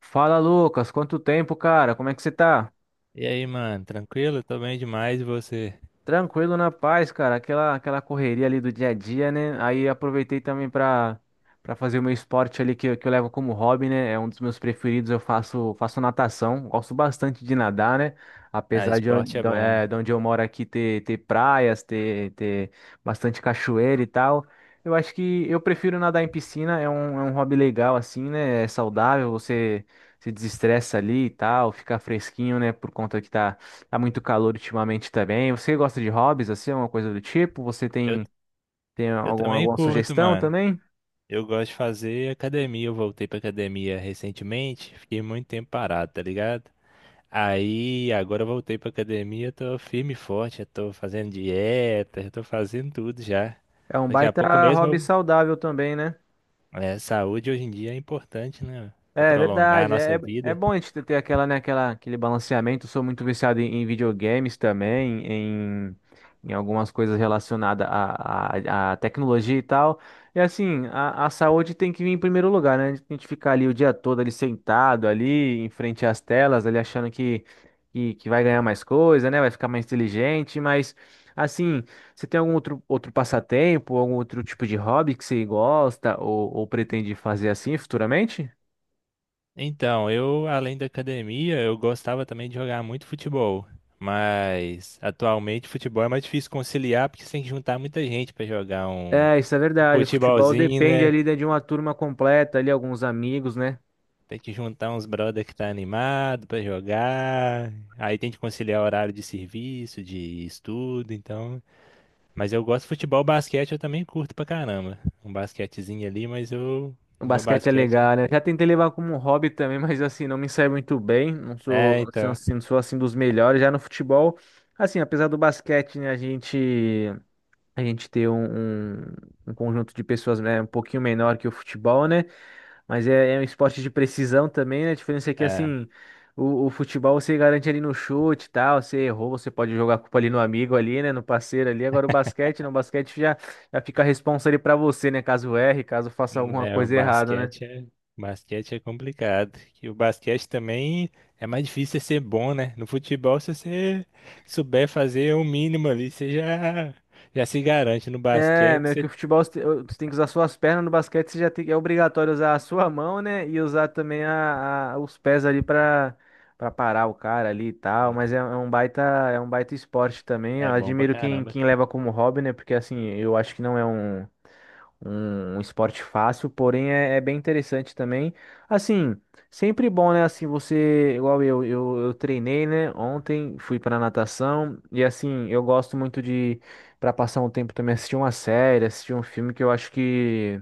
Fala, Lucas, quanto tempo, cara? Como é que você tá? E aí, mano, tranquilo? Tô bem demais e você? Tranquilo na paz, cara. Aquela correria ali do dia a dia, né? Aí aproveitei também pra para fazer o meu esporte ali que eu levo como hobby, né? É um dos meus preferidos. Eu faço natação. Gosto bastante de nadar, né? Ah, Apesar esporte é bom. De onde eu moro aqui ter praias, ter bastante cachoeira e tal. Eu acho que eu prefiro nadar em piscina. É um hobby legal, assim, né? É saudável. Você se desestressa ali e tal, fica fresquinho, né? Por conta que tá. Tá muito calor ultimamente também. Você gosta de hobbies, assim, alguma coisa do tipo? Você Eu, tem eu alguma, também alguma curto, sugestão mano. também? Eu gosto de fazer academia. Eu voltei pra academia recentemente, fiquei muito tempo parado, tá ligado? Aí, agora eu voltei pra academia, tô firme e forte, eu tô fazendo dieta, eu tô fazendo tudo já. É um Daqui a pouco baita mesmo, hobby saudável também, né? é, saúde hoje em dia é importante, né? Pra É prolongar a verdade, é, nossa é vida. bom a gente ter aquele balanceamento. Eu sou muito viciado em videogames também, em algumas coisas relacionadas à tecnologia e tal. E assim, a saúde tem que vir em primeiro lugar, né? A gente ficar ali o dia todo ali sentado ali em frente às telas, ali achando que vai ganhar mais coisa, né? Vai ficar mais inteligente, mas assim, você tem algum outro passatempo, algum outro tipo de hobby que você gosta ou pretende fazer assim futuramente? Então, além da academia, eu gostava também de jogar muito futebol. Mas atualmente futebol é mais difícil conciliar porque você tem que juntar muita gente pra jogar um É, isso é verdade. O futebol futebolzinho, depende né? ali de uma turma completa, ali, alguns amigos, né? Tem que juntar uns brother que tá animado pra jogar. Aí tem que conciliar horário de serviço, de estudo, então. Mas eu gosto de futebol, basquete eu também curto pra caramba. Um basquetezinho ali, mas eu O no meu basquete é basquete. legal, né? Já tentei levar como um hobby também, mas assim, não me sai muito bem. Não sou, É, assim, então. assim, não sou assim dos melhores. Já no futebol, assim, apesar do basquete, né, a gente ter um conjunto de pessoas, né, um pouquinho menor que o futebol, né? Mas é, é um esporte de precisão também, né? A diferença é que, É. assim, o futebol você garante ali no chute e tal. Você errou, você pode jogar a culpa ali no amigo ali, né? No parceiro ali. Agora o basquete, não, o basquete já fica a responsa ali pra você, né? Caso erre, caso faça alguma Né, o coisa errada, né? Basquete é complicado. E o basquete também é mais difícil você ser bom, né? No futebol, se você souber fazer o mínimo ali, você já se garante. No É, basquete, meio que você o futebol você tem que usar suas pernas, no basquete você já tem, é obrigatório usar a sua mão, né? E usar também os pés ali pra para parar o cara ali e tal. Mas é, é um baita esporte também. Eu é bom pra admiro quem, caramba, quem leva como hobby, né? Porque assim, eu acho que não é um esporte fácil, porém é, é bem interessante também. Assim, sempre bom, né? Assim, você, igual eu treinei, né? Ontem fui pra natação e assim, eu gosto muito pra passar um tempo também, assistir uma série, assistir um filme que eu acho que.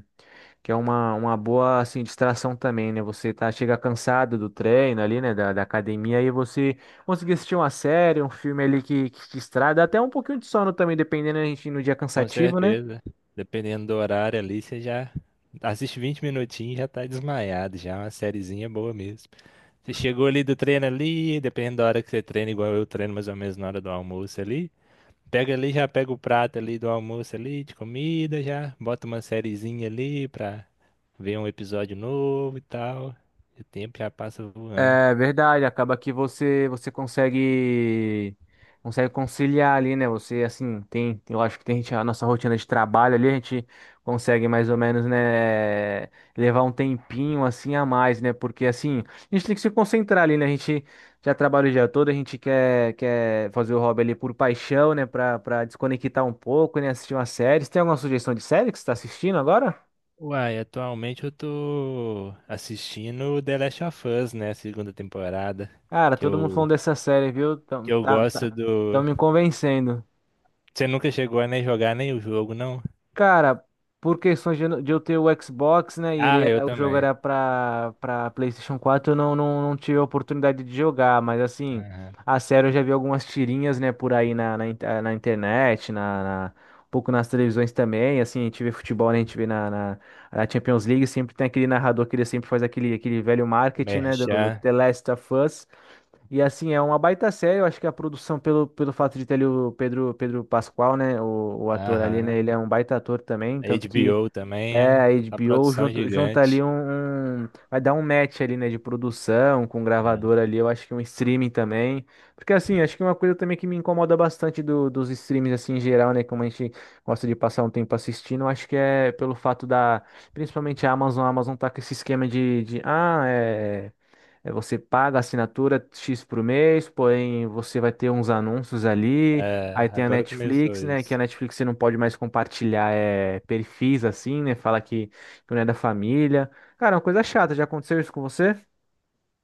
Que é uma boa, assim, distração também, né? Chega cansado do treino ali, né? Da academia, e você conseguir assistir uma série, um filme ali que te distrai, dá até um pouquinho de sono também, dependendo, a gente no dia com cansativo, né? certeza. Dependendo do horário ali, você já assiste 20 minutinhos e já tá desmaiado, já é uma sériezinha boa mesmo. Você chegou ali do treino ali, dependendo da hora que você treina, igual eu treino mais ou menos na hora do almoço ali. Pega ali, já pega o prato ali do almoço ali, de comida, já bota uma sériezinha ali pra ver um episódio novo e tal. E o tempo já passa voando. É verdade, acaba que você consegue conciliar ali, né? Você assim, tem, eu acho que tem gente, a nossa rotina de trabalho ali, a gente consegue mais ou menos, né, levar um tempinho assim a mais, né? Porque assim, a gente tem que se concentrar ali, né? A gente já trabalha o dia todo, a gente quer fazer o hobby ali por paixão, né, Pra para desconectar um pouco, né, assistir uma série. Você tem alguma sugestão de série que você tá assistindo agora? Uai, atualmente eu tô assistindo The Last of Us, né? A segunda temporada. Cara, Que todo mundo eu, falando dessa série, viu? Que eu Tá, tá, gosto tão do. me convencendo. Você nunca chegou a nem jogar nem o jogo, não? Cara, por questões de eu ter o Xbox, né, Ah, eu o jogo também. era pra PlayStation 4 eu não tive a oportunidade de jogar, mas assim, a sério eu já vi algumas tirinhas, né, por aí na internet, um pouco nas televisões também, assim, a gente vê futebol, né, a gente vê na Champions League, sempre tem aquele narrador que ele sempre faz aquele velho marketing, né, do Merchan. The Last of Us, e assim, é uma baita série, eu acho que a produção, pelo fato de ter ali o Pedro Pascoal, né, o ator ali, né, Aham. ele é um baita ator também, A tanto que HBO também é, a é uma HBO produção junta gigante. ali vai dar um match ali, né, de produção, com Né? gravador ali, eu acho que um streaming também, porque assim, acho que é uma coisa também que me incomoda bastante dos streams, assim, em geral, né, como a gente gosta de passar um tempo assistindo, eu acho que é pelo principalmente a Amazon tá com esse esquema de. É, você paga a assinatura X por mês, porém você vai ter uns anúncios ali. É, Aí tem a agora começou Netflix, né? Que a isso. Netflix você não pode mais compartilhar perfis assim, né? Fala que não é da família. Cara, é uma coisa chata. Já aconteceu isso com você?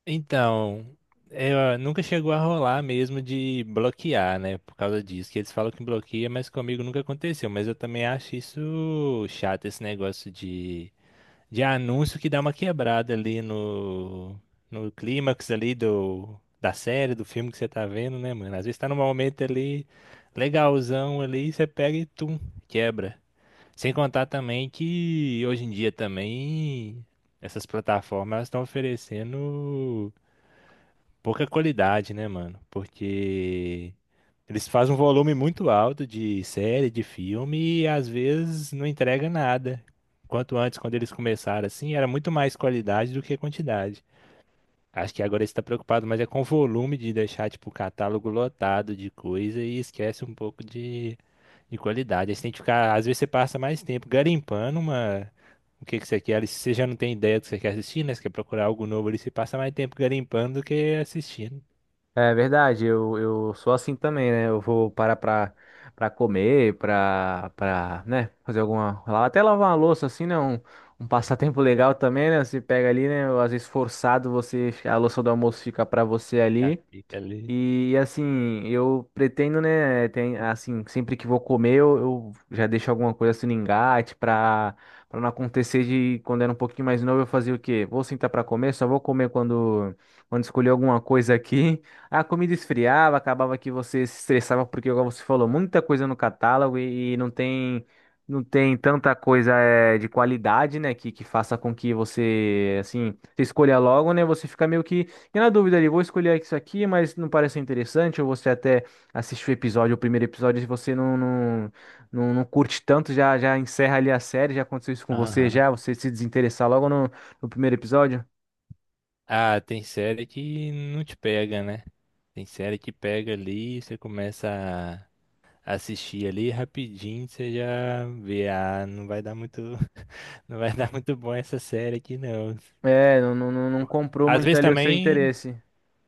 Então, nunca chegou a rolar mesmo de bloquear, né? Por causa disso, que eles falam que bloqueia, mas comigo nunca aconteceu. Mas eu também acho isso chato, esse negócio de anúncio que dá uma quebrada ali no clímax ali da série, do filme que você tá vendo, né, mano? Às vezes tá num momento ali legalzão ali, você pega e tum, quebra. Sem contar também que hoje em dia também essas plataformas estão oferecendo pouca qualidade, né, mano? Porque eles fazem um volume muito alto de série, de filme e às vezes não entrega nada. Quanto antes, quando eles começaram assim, era muito mais qualidade do que quantidade. Acho que agora eles estão preocupados mais é com o volume de deixar tipo o catálogo lotado de coisa e esquece um pouco de qualidade. Aí você tem que ficar, às vezes você passa mais tempo garimpando uma o que que você quer, ali, se você já não tem ideia do que você quer assistir, né? Você quer procurar algo novo ali, você passa mais tempo garimpando do que assistindo. É verdade, eu sou assim também, né? Eu vou parar pra comer, né? Até lavar uma louça, assim, né? Um passatempo legal também, né? Você pega ali, né? Às vezes forçado, você, a louça do almoço fica pra você Já ali. fica ali. E assim, eu pretendo, né, tem, assim, sempre que vou comer, eu já deixo alguma coisa assim no engate pra, pra não acontecer de quando era um pouquinho mais novo eu fazia o quê? Vou sentar pra comer, só vou comer quando escolher alguma coisa aqui. A comida esfriava, acabava que você se estressava porque, igual você falou, muita coisa no catálogo e não tem tanta coisa de qualidade, né, que faça com que você, assim, você escolha logo, né, você fica meio que, fiquei na dúvida ali, vou escolher isso aqui, mas não parece interessante, ou você até assiste o episódio, o primeiro episódio, e você não curte tanto, já encerra ali a série, já aconteceu isso com você, Aham. já, você se desinteressar logo no primeiro episódio? Ah, tem série que não te pega, né? Tem série que pega ali, você começa a assistir ali rapidinho, você já vê, ah, não vai dar muito, não vai dar muito bom essa série aqui não. É, não comprou Às muito vezes ali o seu também, interesse.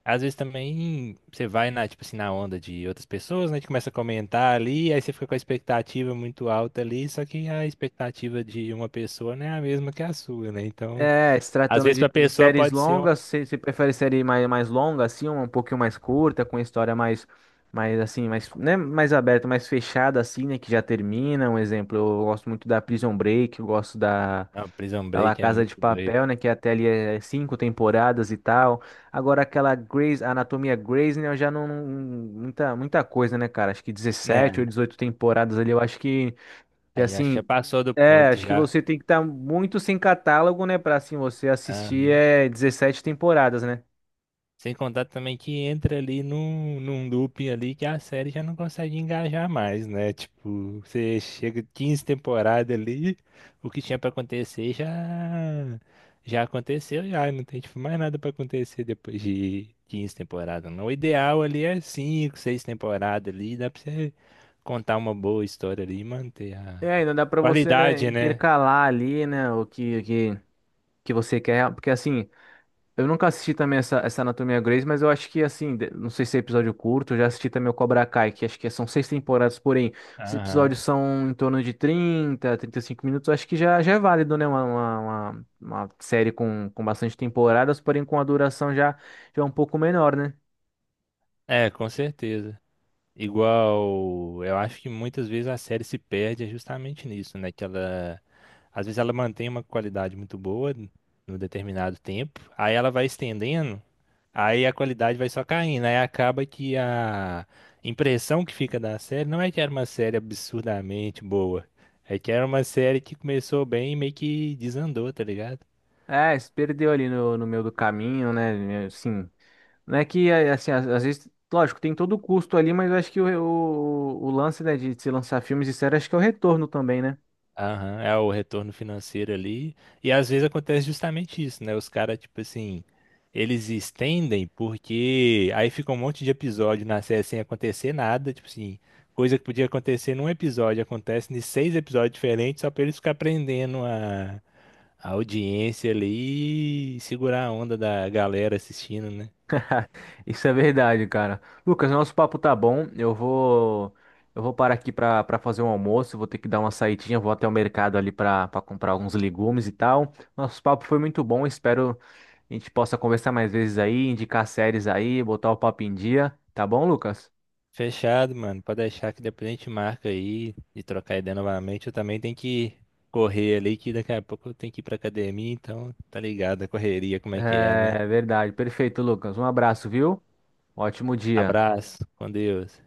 às vezes também você vai na, tipo assim, na onda de outras pessoas, né? Que começa a comentar ali, aí você fica com a expectativa muito alta ali, só que a expectativa de uma pessoa não é a mesma que a sua, né? Então, É, se às tratando vezes de pra de pessoa séries pode ser um. longas, você prefere série mais longa, assim, um pouquinho mais curta, com história mais assim, mais, né, mais aberta, mais fechada, assim, né, que já termina. Um exemplo, eu gosto muito da Prison Break, eu gosto da, Não, Prison da La Break é Casa de muito doido. Papel, né? Que até ali é cinco temporadas e tal. Agora aquela Grey's, a Anatomia Grey's, né? Eu já não. Muita, muita coisa, né, cara? Acho que 17 Né? ou 18 temporadas ali. Eu acho que Aí acho que já assim. passou do É, ponto acho que já. você tem que estar muito sem catálogo, né? Pra assim você Ah, assistir é 17 temporadas, né? sem contar também que entra ali num looping ali que a série já não consegue engajar mais, né? Tipo, você chega 15 temporadas ali, o que tinha pra acontecer já aconteceu, já não tem tipo, mais nada pra acontecer depois de 15 temporadas. Não. O ideal ali é 5, 6 temporadas ali, dá pra você contar uma boa história ali e manter a É, ainda dá pra você, né, qualidade, né? intercalar ali, né, o que você quer, porque assim, eu nunca assisti também essa Anatomia Grey's, mas eu acho que, assim, não sei se é episódio curto, eu já assisti também o Cobra Kai, que acho que são seis temporadas, porém, os Aham. episódios são em torno de 30, 35 minutos, eu acho que já é válido, né? Uma série com bastante temporadas, porém com a duração já é um pouco menor, né? É, com certeza. Igual, eu acho que muitas vezes a série se perde é justamente nisso, né? Que ela, às vezes ela mantém uma qualidade muito boa no determinado tempo, aí ela vai estendendo, aí a qualidade vai só caindo, aí acaba que a impressão que fica da série não é que era uma série absurdamente boa, é que era uma série que começou bem e meio que desandou, tá ligado? É, se perdeu ali no meio do caminho, né? Assim, não é que, é, assim, às vezes, lógico, tem todo o custo ali, mas eu acho que o lance, né, de se lançar filmes e séries, acho que é o retorno também, né? Aham, é o retorno financeiro ali. E às vezes acontece justamente isso, né? Os caras, tipo assim, eles estendem porque aí fica um monte de episódio na série sem acontecer nada, tipo assim, coisa que podia acontecer num episódio, acontece em seis episódios diferentes, só pra eles ficar prendendo a audiência ali e segurar a onda da galera assistindo, né. Isso é verdade, cara. Lucas, nosso papo tá bom. Eu vou parar aqui pra para fazer um almoço, vou ter que dar uma saidinha, vou até o mercado ali pra para comprar alguns legumes e tal. Nosso papo foi muito bom, espero a gente possa conversar mais vezes aí, indicar séries aí, botar o papo em dia, tá bom, Lucas? Fechado, mano. Pode deixar que depois a gente marca aí e trocar ideia novamente. Eu também tenho que correr ali, que daqui a pouco eu tenho que ir pra academia, então tá ligado a correria, como é que é, né? É verdade, perfeito, Lucas. Um abraço, viu? Ótimo dia. Abraço, com Deus.